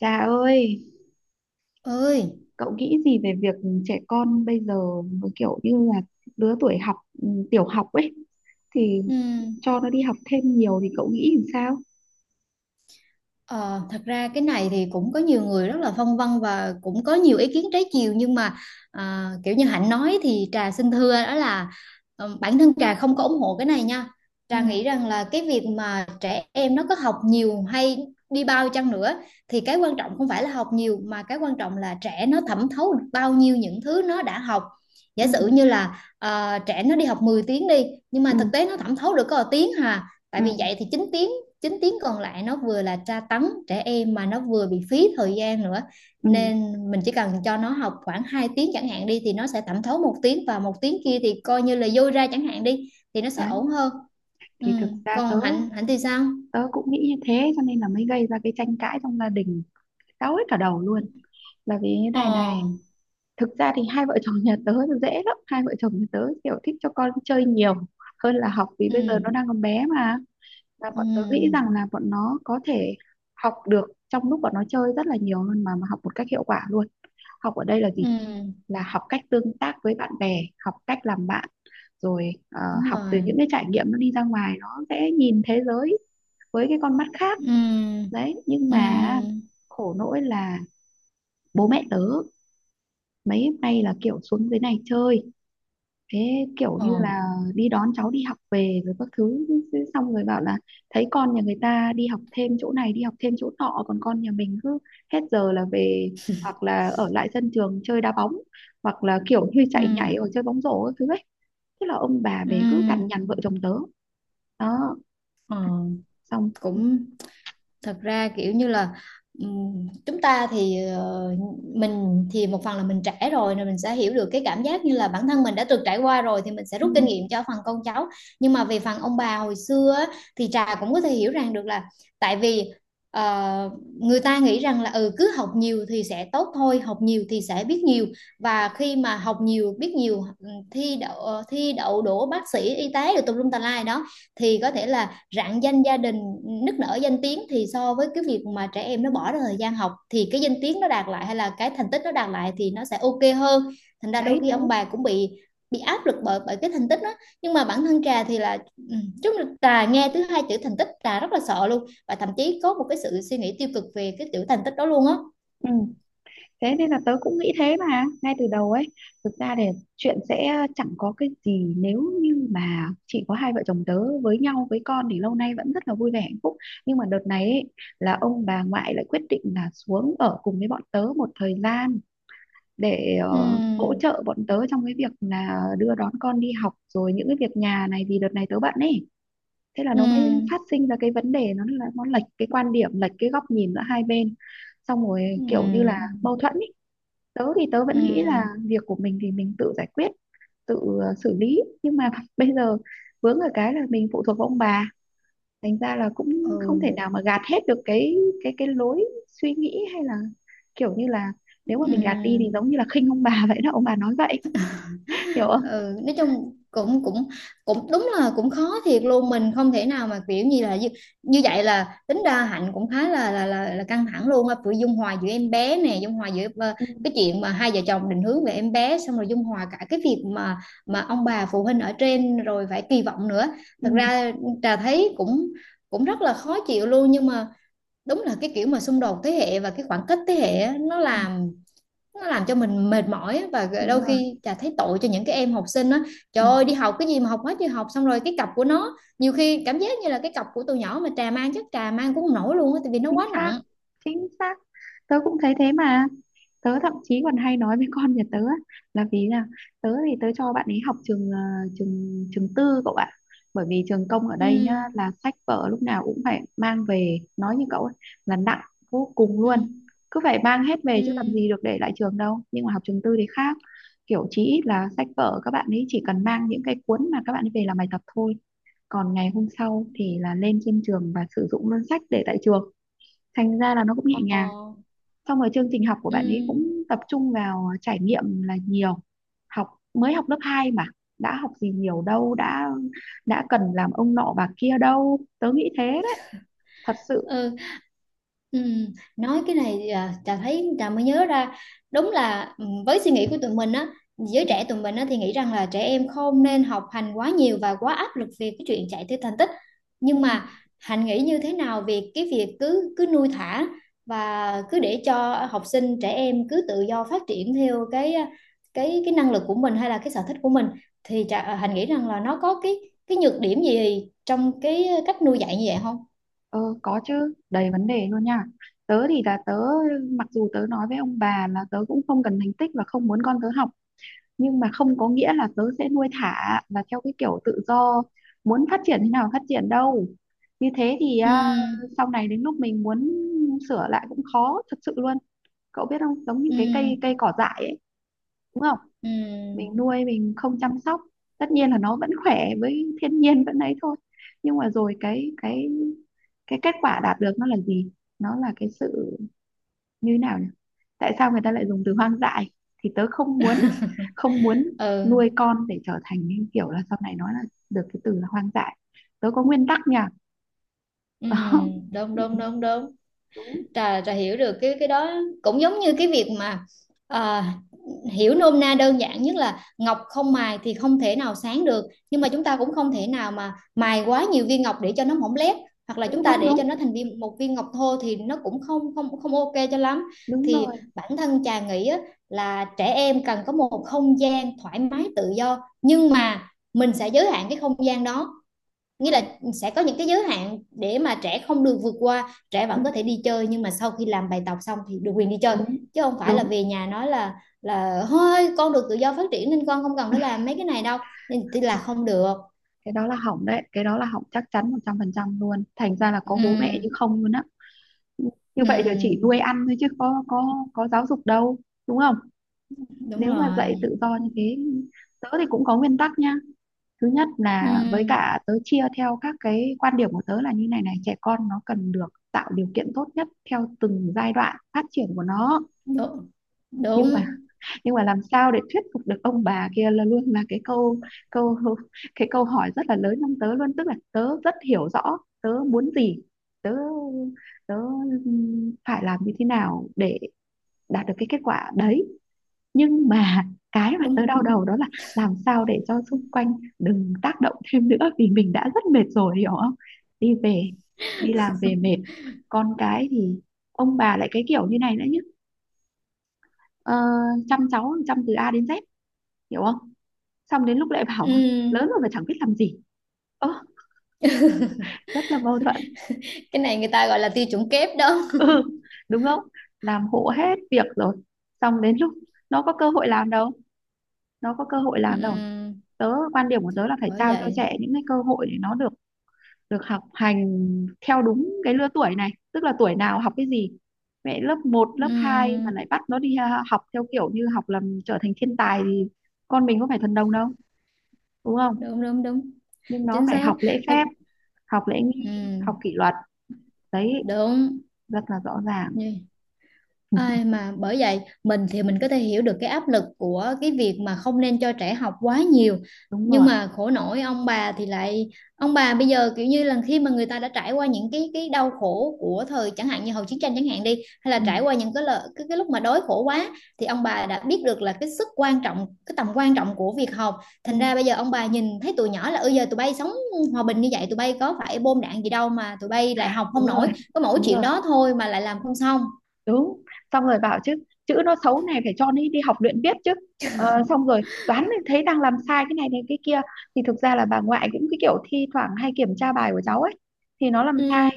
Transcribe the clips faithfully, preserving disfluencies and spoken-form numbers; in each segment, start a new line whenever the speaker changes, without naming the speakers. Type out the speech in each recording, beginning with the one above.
Dạ ơi,
Ơi.
cậu nghĩ gì về việc trẻ con bây giờ nó kiểu như là lứa tuổi học ừ, tiểu học ấy thì
ừm,
cho nó đi học thêm nhiều thì cậu nghĩ làm sao?
ờ, Thật ra cái này thì cũng có nhiều người rất là phân vân và cũng có nhiều ý kiến trái chiều, nhưng mà à, kiểu như Hạnh nói thì Trà xin thưa đó là, ờ, bản thân Trà không có ủng hộ cái này nha.
Ừ,
Trà nghĩ rằng là cái việc mà trẻ em nó có học nhiều hay đi bao chăng nữa thì cái quan trọng không phải là học nhiều, mà cái quan trọng là trẻ nó thẩm thấu được bao nhiêu những thứ nó đã học. Giả
ừ,
sử như là ờ, trẻ nó đi học mười tiếng đi, nhưng mà
ừ,
thực tế nó thẩm thấu được có một tiếng hà, tại
ừ,
vì vậy thì chín tiếng, chín tiếng còn lại nó vừa là tra tấn trẻ em, mà nó vừa bị phí thời gian nữa.
ừ.
Nên mình chỉ cần cho nó học khoảng hai tiếng chẳng hạn đi, thì nó sẽ thẩm thấu một tiếng, và một tiếng kia thì coi như là dôi ra chẳng hạn đi, thì nó sẽ
Đấy,
ổn hơn. Ừ.
thì thực ra tớ
Còn Hạnh Hạnh thì sao?
tớ cũng nghĩ như thế cho nên là mới gây ra cái tranh cãi trong gia đình, cáu hết cả đầu luôn. Là vì thế
Ờ.
này này, thực ra thì hai vợ chồng nhà tớ nó dễ lắm, hai vợ chồng nhà tớ kiểu thích cho con chơi nhiều hơn là học vì bây giờ
Ừ.
nó đang còn bé mà, và bọn tớ nghĩ
Ừ.
rằng là bọn nó có thể học được trong lúc bọn nó chơi rất là nhiều hơn mà, mà học một cách hiệu quả luôn. Học ở đây là gì?
Ừ.
Là học cách tương tác với bạn bè, học cách làm bạn, rồi ờ,
Đúng
học từ
rồi.
những cái trải nghiệm, nó đi ra ngoài nó sẽ nhìn thế giới với cái con mắt khác.
Ừ.
Đấy, nhưng mà
Ừ.
khổ nỗi là bố mẹ tớ mấy hôm nay là kiểu xuống dưới này chơi, thế kiểu
Ờ.
như là đi đón cháu đi học về rồi các thứ, xong rồi bảo là thấy con nhà người ta đi học thêm chỗ này đi học thêm chỗ nọ, còn con nhà mình cứ hết giờ là về, hoặc là ở lại sân trường chơi đá bóng, hoặc là kiểu như chạy
Ừ.
nhảy hoặc chơi bóng rổ các thứ ấy. Thế là ông bà về cứ cằn
Ừ.
nhằn vợ chồng tớ. Đó,
Ờ.
xong.
Cũng thật ra kiểu như là, ừm, chúng ta thì ờ, mình thì một phần là mình trẻ rồi nên mình sẽ hiểu được cái cảm giác như là bản thân mình đã từng trải qua rồi, thì mình sẽ
Ừ,
rút kinh nghiệm cho phần con cháu. Nhưng mà về phần ông bà hồi xưa á, thì Trà cũng có thể hiểu rằng được là, tại vì ờ, người ta nghĩ rằng là ừ cứ học nhiều thì sẽ tốt thôi, học nhiều thì sẽ biết nhiều. Và khi mà học nhiều biết nhiều, ừm, thi đậu ờ, thi đậu đỗ bác sĩ y tế rồi tùm lum tà lai đó, thì có thể là rạng danh gia đình nức nở danh tiếng, thì so với cái việc mà trẻ em nó bỏ ra thời gian học thì cái danh tiếng nó đạt lại hay là cái thành tích nó đạt lại thì nó sẽ ok hơn. Thành ra đôi
đấy
khi ông
đấy,
bà cũng bị, bị áp lực bởi bởi cái thành tích đó. Nhưng mà bản thân trà thì là ừ, trà nghe thứ hai chữ thành tích trà rất là sợ luôn, và thậm chí có một cái sự suy nghĩ tiêu cực về cái chữ thành tích đó luôn á.
ừ. Thế nên là tớ cũng nghĩ thế mà ngay từ đầu ấy. Thực ra thì chuyện sẽ ờ, chẳng có cái gì, nếu như mà chỉ có hai vợ chồng tớ với nhau với con thì lâu nay vẫn rất là vui vẻ hạnh phúc. Nhưng mà đợt này ấy, là ông bà ngoại lại quyết định là xuống ở cùng với bọn tớ một thời gian để ờ, hỗ
Ừ.
trợ bọn tớ trong cái việc là đưa đón con đi học rồi những cái việc nhà này, vì đợt này tớ bận ấy. Thế là
Ừ.
nó mới phát sinh ra cái vấn đề, nó là nó lệch cái quan điểm, lệch cái góc nhìn giữa hai bên, xong rồi kiểu như là
Ừ.
mâu thuẫn ý. Tớ thì tớ vẫn nghĩ là
Ừ.
việc của mình thì mình tự giải quyết, tự ờ, xử lý, nhưng mà bây giờ vướng ở cái là mình phụ thuộc vào ông bà, thành ra là cũng không thể
Ừ.
nào mà gạt hết được cái cái cái lối suy nghĩ, hay là kiểu như là nếu mà mình gạt đi thì
Ừ.
giống như là khinh ông bà vậy đó, ông bà nói vậy, hiểu không?
Ừ, nói chung cũng cũng cũng đúng là cũng khó thiệt luôn, mình không thể nào mà kiểu như là như, như vậy. Là tính ra Hạnh cũng khá là là là, là căng thẳng luôn á, vừa dung hòa giữa em bé nè, dung hòa giữa ờ,
Ừ,
cái chuyện mà hai vợ chồng định hướng về em bé, xong rồi dung hòa cả cái việc mà mà ông bà phụ huynh ở trên rồi phải kỳ vọng nữa.
ừ,
Thật ra Trà thấy cũng cũng rất là khó chịu luôn, nhưng mà đúng là cái kiểu mà xung đột thế hệ và cái khoảng cách thế hệ á, nó
ừ,
làm nó làm cho mình mệt mỏi á, và
đúng
đôi
rồi,
khi chả thấy tội cho những cái em học sinh á. Trời ơi,
ừ.
đi học cái gì mà học quá trời học, xong rồi cái cặp của nó nhiều khi cảm giác như là cái cặp của tụi nhỏ mà trà mang chắc trà mang cũng không nổi luôn á, tại vì nó
Chính
quá
xác,
nặng.
chính xác. Tớ cũng thấy thế mà, tớ thậm chí còn hay nói với con nhà tớ á, là vì là tớ thì tớ cho bạn ấy học trường ờ, trường trường tư cậu ạ. Bởi vì trường công ở đây nhá
Ừ.
là sách vở lúc nào cũng phải mang về, nói như cậu ấy, là nặng vô cùng luôn,
Ừ.
cứ phải mang hết về
Ừ.
chứ làm gì được để lại trường đâu. Nhưng mà học trường tư thì khác, kiểu chí ít là sách vở các bạn ấy chỉ cần mang những cái cuốn mà các bạn ấy về làm bài tập thôi, còn ngày hôm sau thì là lên trên trường và sử dụng luôn sách để tại trường, thành ra là nó cũng nhẹ nhàng.
Ờ.
Xong rồi chương trình học của
Ừ.
bạn ấy cũng tập trung vào trải nghiệm là nhiều. Học mới học lớp hai mà đã học gì nhiều đâu, đã đã cần làm ông nọ bà kia đâu, tớ nghĩ thế đấy, thật sự.
Ừ. Ừ. Nói cái này à, Trà thấy Trà mới nhớ ra đúng là ừ, với suy nghĩ của tụi mình á, giới trẻ tụi mình á, thì nghĩ rằng là trẻ em không nên học hành quá nhiều và quá áp lực về cái chuyện chạy theo thành tích.
Ừ,
Nhưng mà Hạnh nghĩ như thế nào về cái việc cứ cứ nuôi thả và cứ để cho học sinh trẻ em cứ tự do phát triển theo cái, à, cái cái năng lực của mình hay là cái sở thích của mình? Thì Trà, à, Hạnh nghĩ rằng là nó có cái cái nhược điểm gì trong cái cách nuôi dạy như vậy không?
ờ, có chứ, đầy vấn đề luôn nha. Tớ thì là tớ, mặc dù tớ nói với ông bà là tớ cũng không cần thành tích và không muốn con tớ học, nhưng mà không có nghĩa là tớ sẽ nuôi thả và theo cái kiểu tự do muốn phát triển thế nào phát triển đâu. Như thế thì
Ừ.
à, sau này đến lúc mình muốn sửa lại cũng khó thật sự luôn. Cậu biết không, giống như
Ừ.
cái cây, cây cỏ dại ấy, đúng không?
Ừ.
Mình nuôi mình không chăm sóc, tất nhiên là nó vẫn khỏe với thiên nhiên vẫn ấy thôi, nhưng mà rồi cái cái cái kết quả đạt được nó là gì? Nó là cái sự như thế nào nhỉ, tại sao người ta lại dùng từ hoang dại? Thì tớ không muốn, không muốn nuôi
Ừ.
con để trở thành những kiểu là sau này nói là được cái từ là hoang dại. Tớ có nguyên tắc nhỉ.
Ừ.
Đó.
Đúng
Ừ,
đúng đúng đúng.
đúng
Trà trà hiểu được cái cái đó, cũng giống như cái việc mà à, hiểu nôm na đơn giản nhất là ngọc không mài thì không thể nào sáng được, nhưng mà chúng ta cũng không thể nào mà mài quá nhiều viên ngọc để cho nó mỏng lép, hoặc là chúng
đúng
ta
đúng
để cho
đúng,
nó thành viên một viên ngọc thô thì nó cũng không không không ok cho lắm.
đúng
Thì
rồi,
bản thân trà nghĩ á, là trẻ em cần có một không gian thoải mái tự do, nhưng mà mình sẽ giới hạn cái không gian đó, nghĩa
đúng
là
rồi,
sẽ có những cái giới hạn để mà trẻ không được vượt qua, trẻ
ừ,
vẫn có thể đi chơi, nhưng mà sau khi làm bài tập xong thì được quyền đi chơi,
đúng
chứ không phải là
đúng.
về nhà nói là, là thôi con được tự do phát triển nên con không cần phải làm mấy cái này đâu, nên là không được.
Cái đó là hỏng đấy, cái đó là hỏng chắc chắn một trăm phần trăm luôn, thành ra là có bố mẹ chứ
Ừ.
không luôn á. Ừ, như vậy giờ chỉ
Ừ.
nuôi ăn thôi chứ có có có giáo dục đâu, đúng không?
Đúng
Nếu mà dạy
rồi.
tự do như thế, tớ thì cũng có nguyên tắc nha. Thứ nhất
Ừ,
là với cả tớ chia theo các cái quan điểm của tớ là như này này: trẻ con nó cần được tạo điều kiện tốt nhất theo từng giai đoạn phát triển của nó.
đúng
Nhưng
đúng
mà, nhưng mà làm sao để thuyết phục được ông bà kia là luôn là cái câu, câu cái câu hỏi rất là lớn trong tớ luôn. Tức là tớ rất hiểu rõ tớ muốn gì, tớ tớ phải làm như thế nào để đạt được cái kết quả đấy, nhưng mà cái mà tớ
đúng.
đau đầu đó là làm sao để cho xung quanh đừng tác động thêm nữa, vì mình đã rất mệt rồi, hiểu không? Đi về, đi làm về mệt, con cái thì ông bà lại cái kiểu như này nữa chứ. ờ, Chăm cháu chăm từ a đến dét, hiểu không, xong đến lúc lại bảo lớn
Ừ,
rồi mà chẳng biết làm gì. Ơ, rất là mâu thuẫn.
cái này người ta gọi là tiêu chuẩn kép đó.
Ừ, đúng không? Làm hộ hết việc rồi, xong đến lúc nó có cơ hội làm đâu, nó có cơ hội làm đâu.
Ừ,
Tớ quan điểm của tớ là phải
bởi
trao cho
vậy.
trẻ những cái cơ hội để nó được được học hành theo đúng cái lứa tuổi này, tức là tuổi nào học cái gì. Mẹ lớp một, lớp hai mà
Ừ,
lại bắt nó đi ha- học theo kiểu như học làm trở thành thiên tài thì con mình có phải thần đồng đâu, đúng không?
đúng đúng đúng,
Nhưng nó
chính
phải
xác.
học lễ phép, học lễ nghi, học
Ừ,
kỷ luật. Đấy,
đúng.
rất là rõ ràng.
Như ai mà, bởi vậy mình thì mình có thể hiểu được cái áp lực của cái việc mà không nên cho trẻ học quá nhiều,
Đúng
nhưng
rồi,
mà khổ nổi ông bà thì lại, ông bà bây giờ kiểu như là khi mà người ta đã trải qua những cái cái đau khổ của thời chẳng hạn như hậu chiến tranh chẳng hạn đi, hay là trải
ừ.
qua những cái lợi cái, cái lúc mà đói khổ quá, thì ông bà đã biết được là cái sức quan trọng cái tầm quan trọng của việc học. Thành
Ừ.
ra bây giờ ông bà nhìn thấy tụi nhỏ là, ừ giờ tụi bay sống hòa bình như vậy, tụi bay có phải bom đạn gì đâu mà tụi bay lại học
Đúng
không
rồi,
nổi, có mỗi
đúng
chuyện
rồi,
đó thôi mà lại làm không xong.
đúng. Xong rồi bảo chứ chữ nó xấu này, phải cho nó đi học luyện viết chứ. Ờ, xong rồi toán thì thấy đang làm sai cái này này cái kia, thì thực ra là bà ngoại cũng cái kiểu thi thoảng hay kiểm tra bài của cháu ấy, thì nó làm
Ừ.
sai.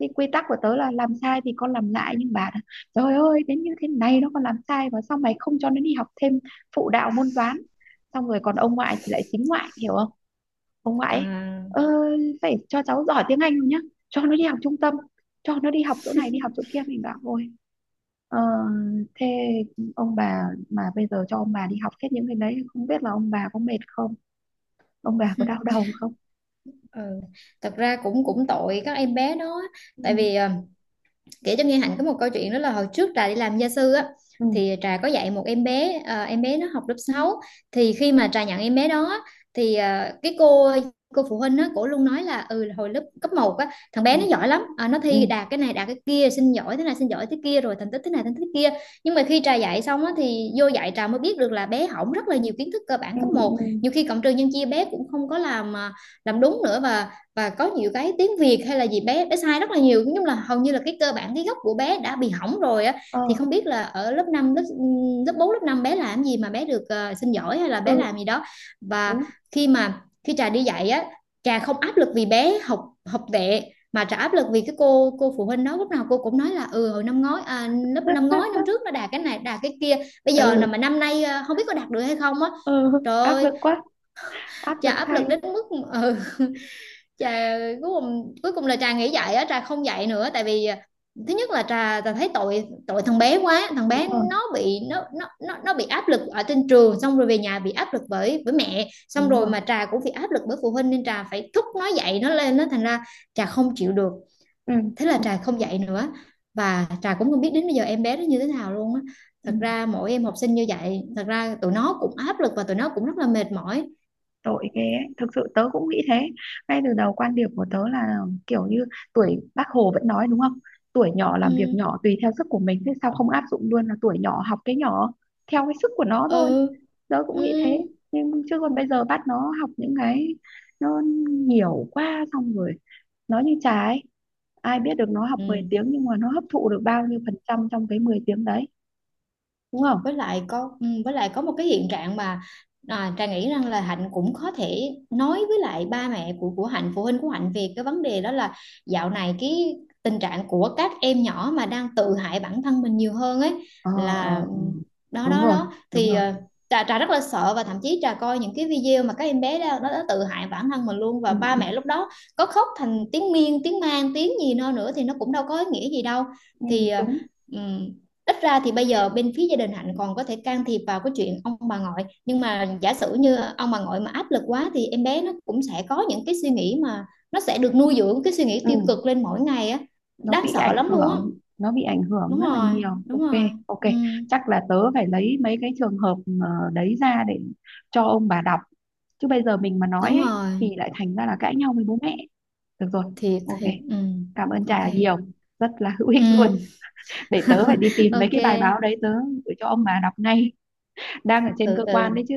Thì quy tắc của tớ là làm sai thì con làm lại, nhưng bà nói, "Trời ơi, đến như thế này nó còn làm sai, và sao mày không cho nó đi học thêm phụ đạo môn toán." Xong rồi còn ông ngoại thì lại xính ngoại, hiểu không? Ông ngoại ấy,
À,
"Ơ, phải cho cháu giỏi tiếng Anh nhá, cho nó đi học trung tâm, cho nó đi học chỗ này đi học chỗ kia." Mình bảo, "Ôi, ờ, thế ông bà mà bây giờ cho ông bà đi học hết những cái đấy không biết là ông bà có mệt không, ông bà có đau đầu không?"
ừ. Thật ra cũng cũng tội các em bé đó,
Ừ,
tại vì ờ, kể cho nghe Hạnh có một câu chuyện đó là hồi trước Trà đi làm gia sư á,
ừ,
thì Trà có dạy một em bé, ờ, em bé nó học lớp sáu. Thì khi mà Trà nhận em bé đó á, thì ờ, cái cô cô phụ huynh á cổ luôn nói là, ừ là hồi lớp cấp một á thằng
ừ,
bé nó giỏi lắm. Ờ, nó
ừ,
thi đạt cái này đạt cái kia, xin giỏi thế này xin giỏi thế kia, rồi thành tích thế này thành tích thế kia. Nhưng mà khi Trà dạy xong á thì vô dạy Trà mới biết được là bé hỏng rất là nhiều kiến thức cơ bản
ừ,
cấp một. Nhiều
ừ,
khi cộng trừ nhân chia bé cũng không có làm ờ, làm đúng nữa, và và có nhiều cái tiếng Việt hay là gì bé bé sai rất là nhiều, nói chung là hầu như là cái cơ bản cái gốc của bé đã bị hỏng rồi á.
ờ,
Thì không biết là ở lớp năm, lớp lớp bốn lớp năm bé làm gì mà bé được ờ, xin giỏi hay là bé
ừ,
làm gì đó. Và
đúng.
khi mà khi Trà đi dạy á, Trà không áp lực vì bé học học tệ, mà Trà áp lực vì cái cô cô phụ huynh đó, lúc nào cô cũng nói là ừ hồi năm ngoái, à, lớp năm ngoái năm trước nó đạt cái này đạt cái kia, bây giờ là
Ừ,
mà năm nay ờ, không biết có đạt được hay không á.
ừ,
Trời
áp
ơi,
lực quá, áp
Trà
lực
áp
thay.
lực đến mức ừ, trà cuối cùng cuối cùng là trà nghĩ vậy á trà không dạy nữa, tại vì à, thứ nhất là trà trà thấy tội tội thằng bé quá, thằng bé
Đúng rồi,
nó bị nó nó nó nó bị áp lực ở trên trường, xong rồi về nhà bị áp lực bởi bởi mẹ, xong
đúng
rồi
rồi,
mà trà cũng bị áp lực bởi phụ huynh nên trà phải thúc nó dạy nó lên nó, thành ra trà không chịu được.
ừ,
Thế là trà không dạy nữa, và trà cũng không biết đến bây giờ em bé nó như thế nào luôn á. Thật
đúng.
ra mỗi em học sinh như vậy thật ra tụi nó cũng áp lực và tụi nó cũng rất là mệt mỏi.
Tội ghê ấy. Thực sự tớ cũng nghĩ thế. Ngay từ đầu quan điểm của tớ là kiểu như tuổi, bác Hồ vẫn nói đúng không, tuổi nhỏ
Ừ.
làm việc nhỏ tùy theo sức của mình, thế sao không áp dụng luôn là tuổi nhỏ học cái nhỏ theo cái sức của nó thôi,
Ừ.
tớ
Ừ.
cũng nghĩ thế. Nhưng chứ còn bây giờ bắt nó học những cái nó nhiều quá, xong rồi nó như Trà ấy, ai biết được nó học mười
Ừ.
tiếng nhưng mà nó hấp thụ được bao nhiêu phần trăm trong cái mười tiếng đấy, đúng không?
Với lại có ừ, với lại có một cái hiện trạng mà à, Trà nghĩ rằng là Hạnh cũng có thể nói với lại ba mẹ của của Hạnh, phụ huynh của Hạnh về cái vấn đề đó là, dạo này cái tình trạng của các em nhỏ mà đang tự hại bản thân mình nhiều hơn ấy,
Ờ,
là,
ờ, ừ.
đó
Đúng
đó
rồi,
đó
đúng
thì
rồi,
ờ, Trà, Trà rất là sợ và thậm chí Trà coi những cái video mà các em bé đó, nó đã tự hại bản thân mình luôn,
ừ,
và ba
ừ.
mẹ lúc đó có khóc thành tiếng miên tiếng man tiếng gì nó nữa thì nó cũng đâu có ý nghĩa gì đâu.
Ừ,
Thì ờ,
đúng,
ừ, ít ra thì bây giờ bên phía gia đình Hạnh còn có thể can thiệp vào cái chuyện ông bà ngoại, nhưng mà giả sử như ông bà ngoại mà áp lực quá thì em bé nó cũng sẽ có những cái suy nghĩ mà nó sẽ được nuôi dưỡng cái suy nghĩ
ừ.
tiêu cực lên mỗi ngày á,
Nó
đáng
bị
sợ
ảnh
lắm luôn á.
hưởng, nó bị ảnh hưởng
Đúng
rất là
rồi.
nhiều,
Đúng
ok.
rồi.
Ok,
Ừ,
chắc là tớ phải lấy mấy cái trường hợp ờ, đấy ra để cho ông bà đọc, chứ bây giờ mình mà nói
đúng
ấy, thì
rồi.
lại thành ra là cãi nhau với bố mẹ. Được rồi,
Thiệt
ok,
thiệt. Ừ.
cảm ơn
Ok.
Trà nhiều, rất là hữu ích luôn.
Ừ.
Để tớ phải đi tìm mấy
Ok.
cái bài báo đấy, tớ gửi cho ông bà đọc ngay, đang ở trên
Ừ.
cơ quan
Ừ.
đấy chứ.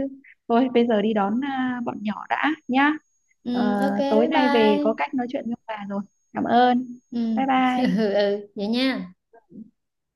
Thôi bây giờ đi đón à, bọn nhỏ đã nhá.
Ừ.
Ờ,
Ok,
tối
bye
nay về có
bye.
cách nói chuyện với ông bà rồi. Cảm ơn,
Ừ.
bye bye.
Ừ, ừ, vậy nha.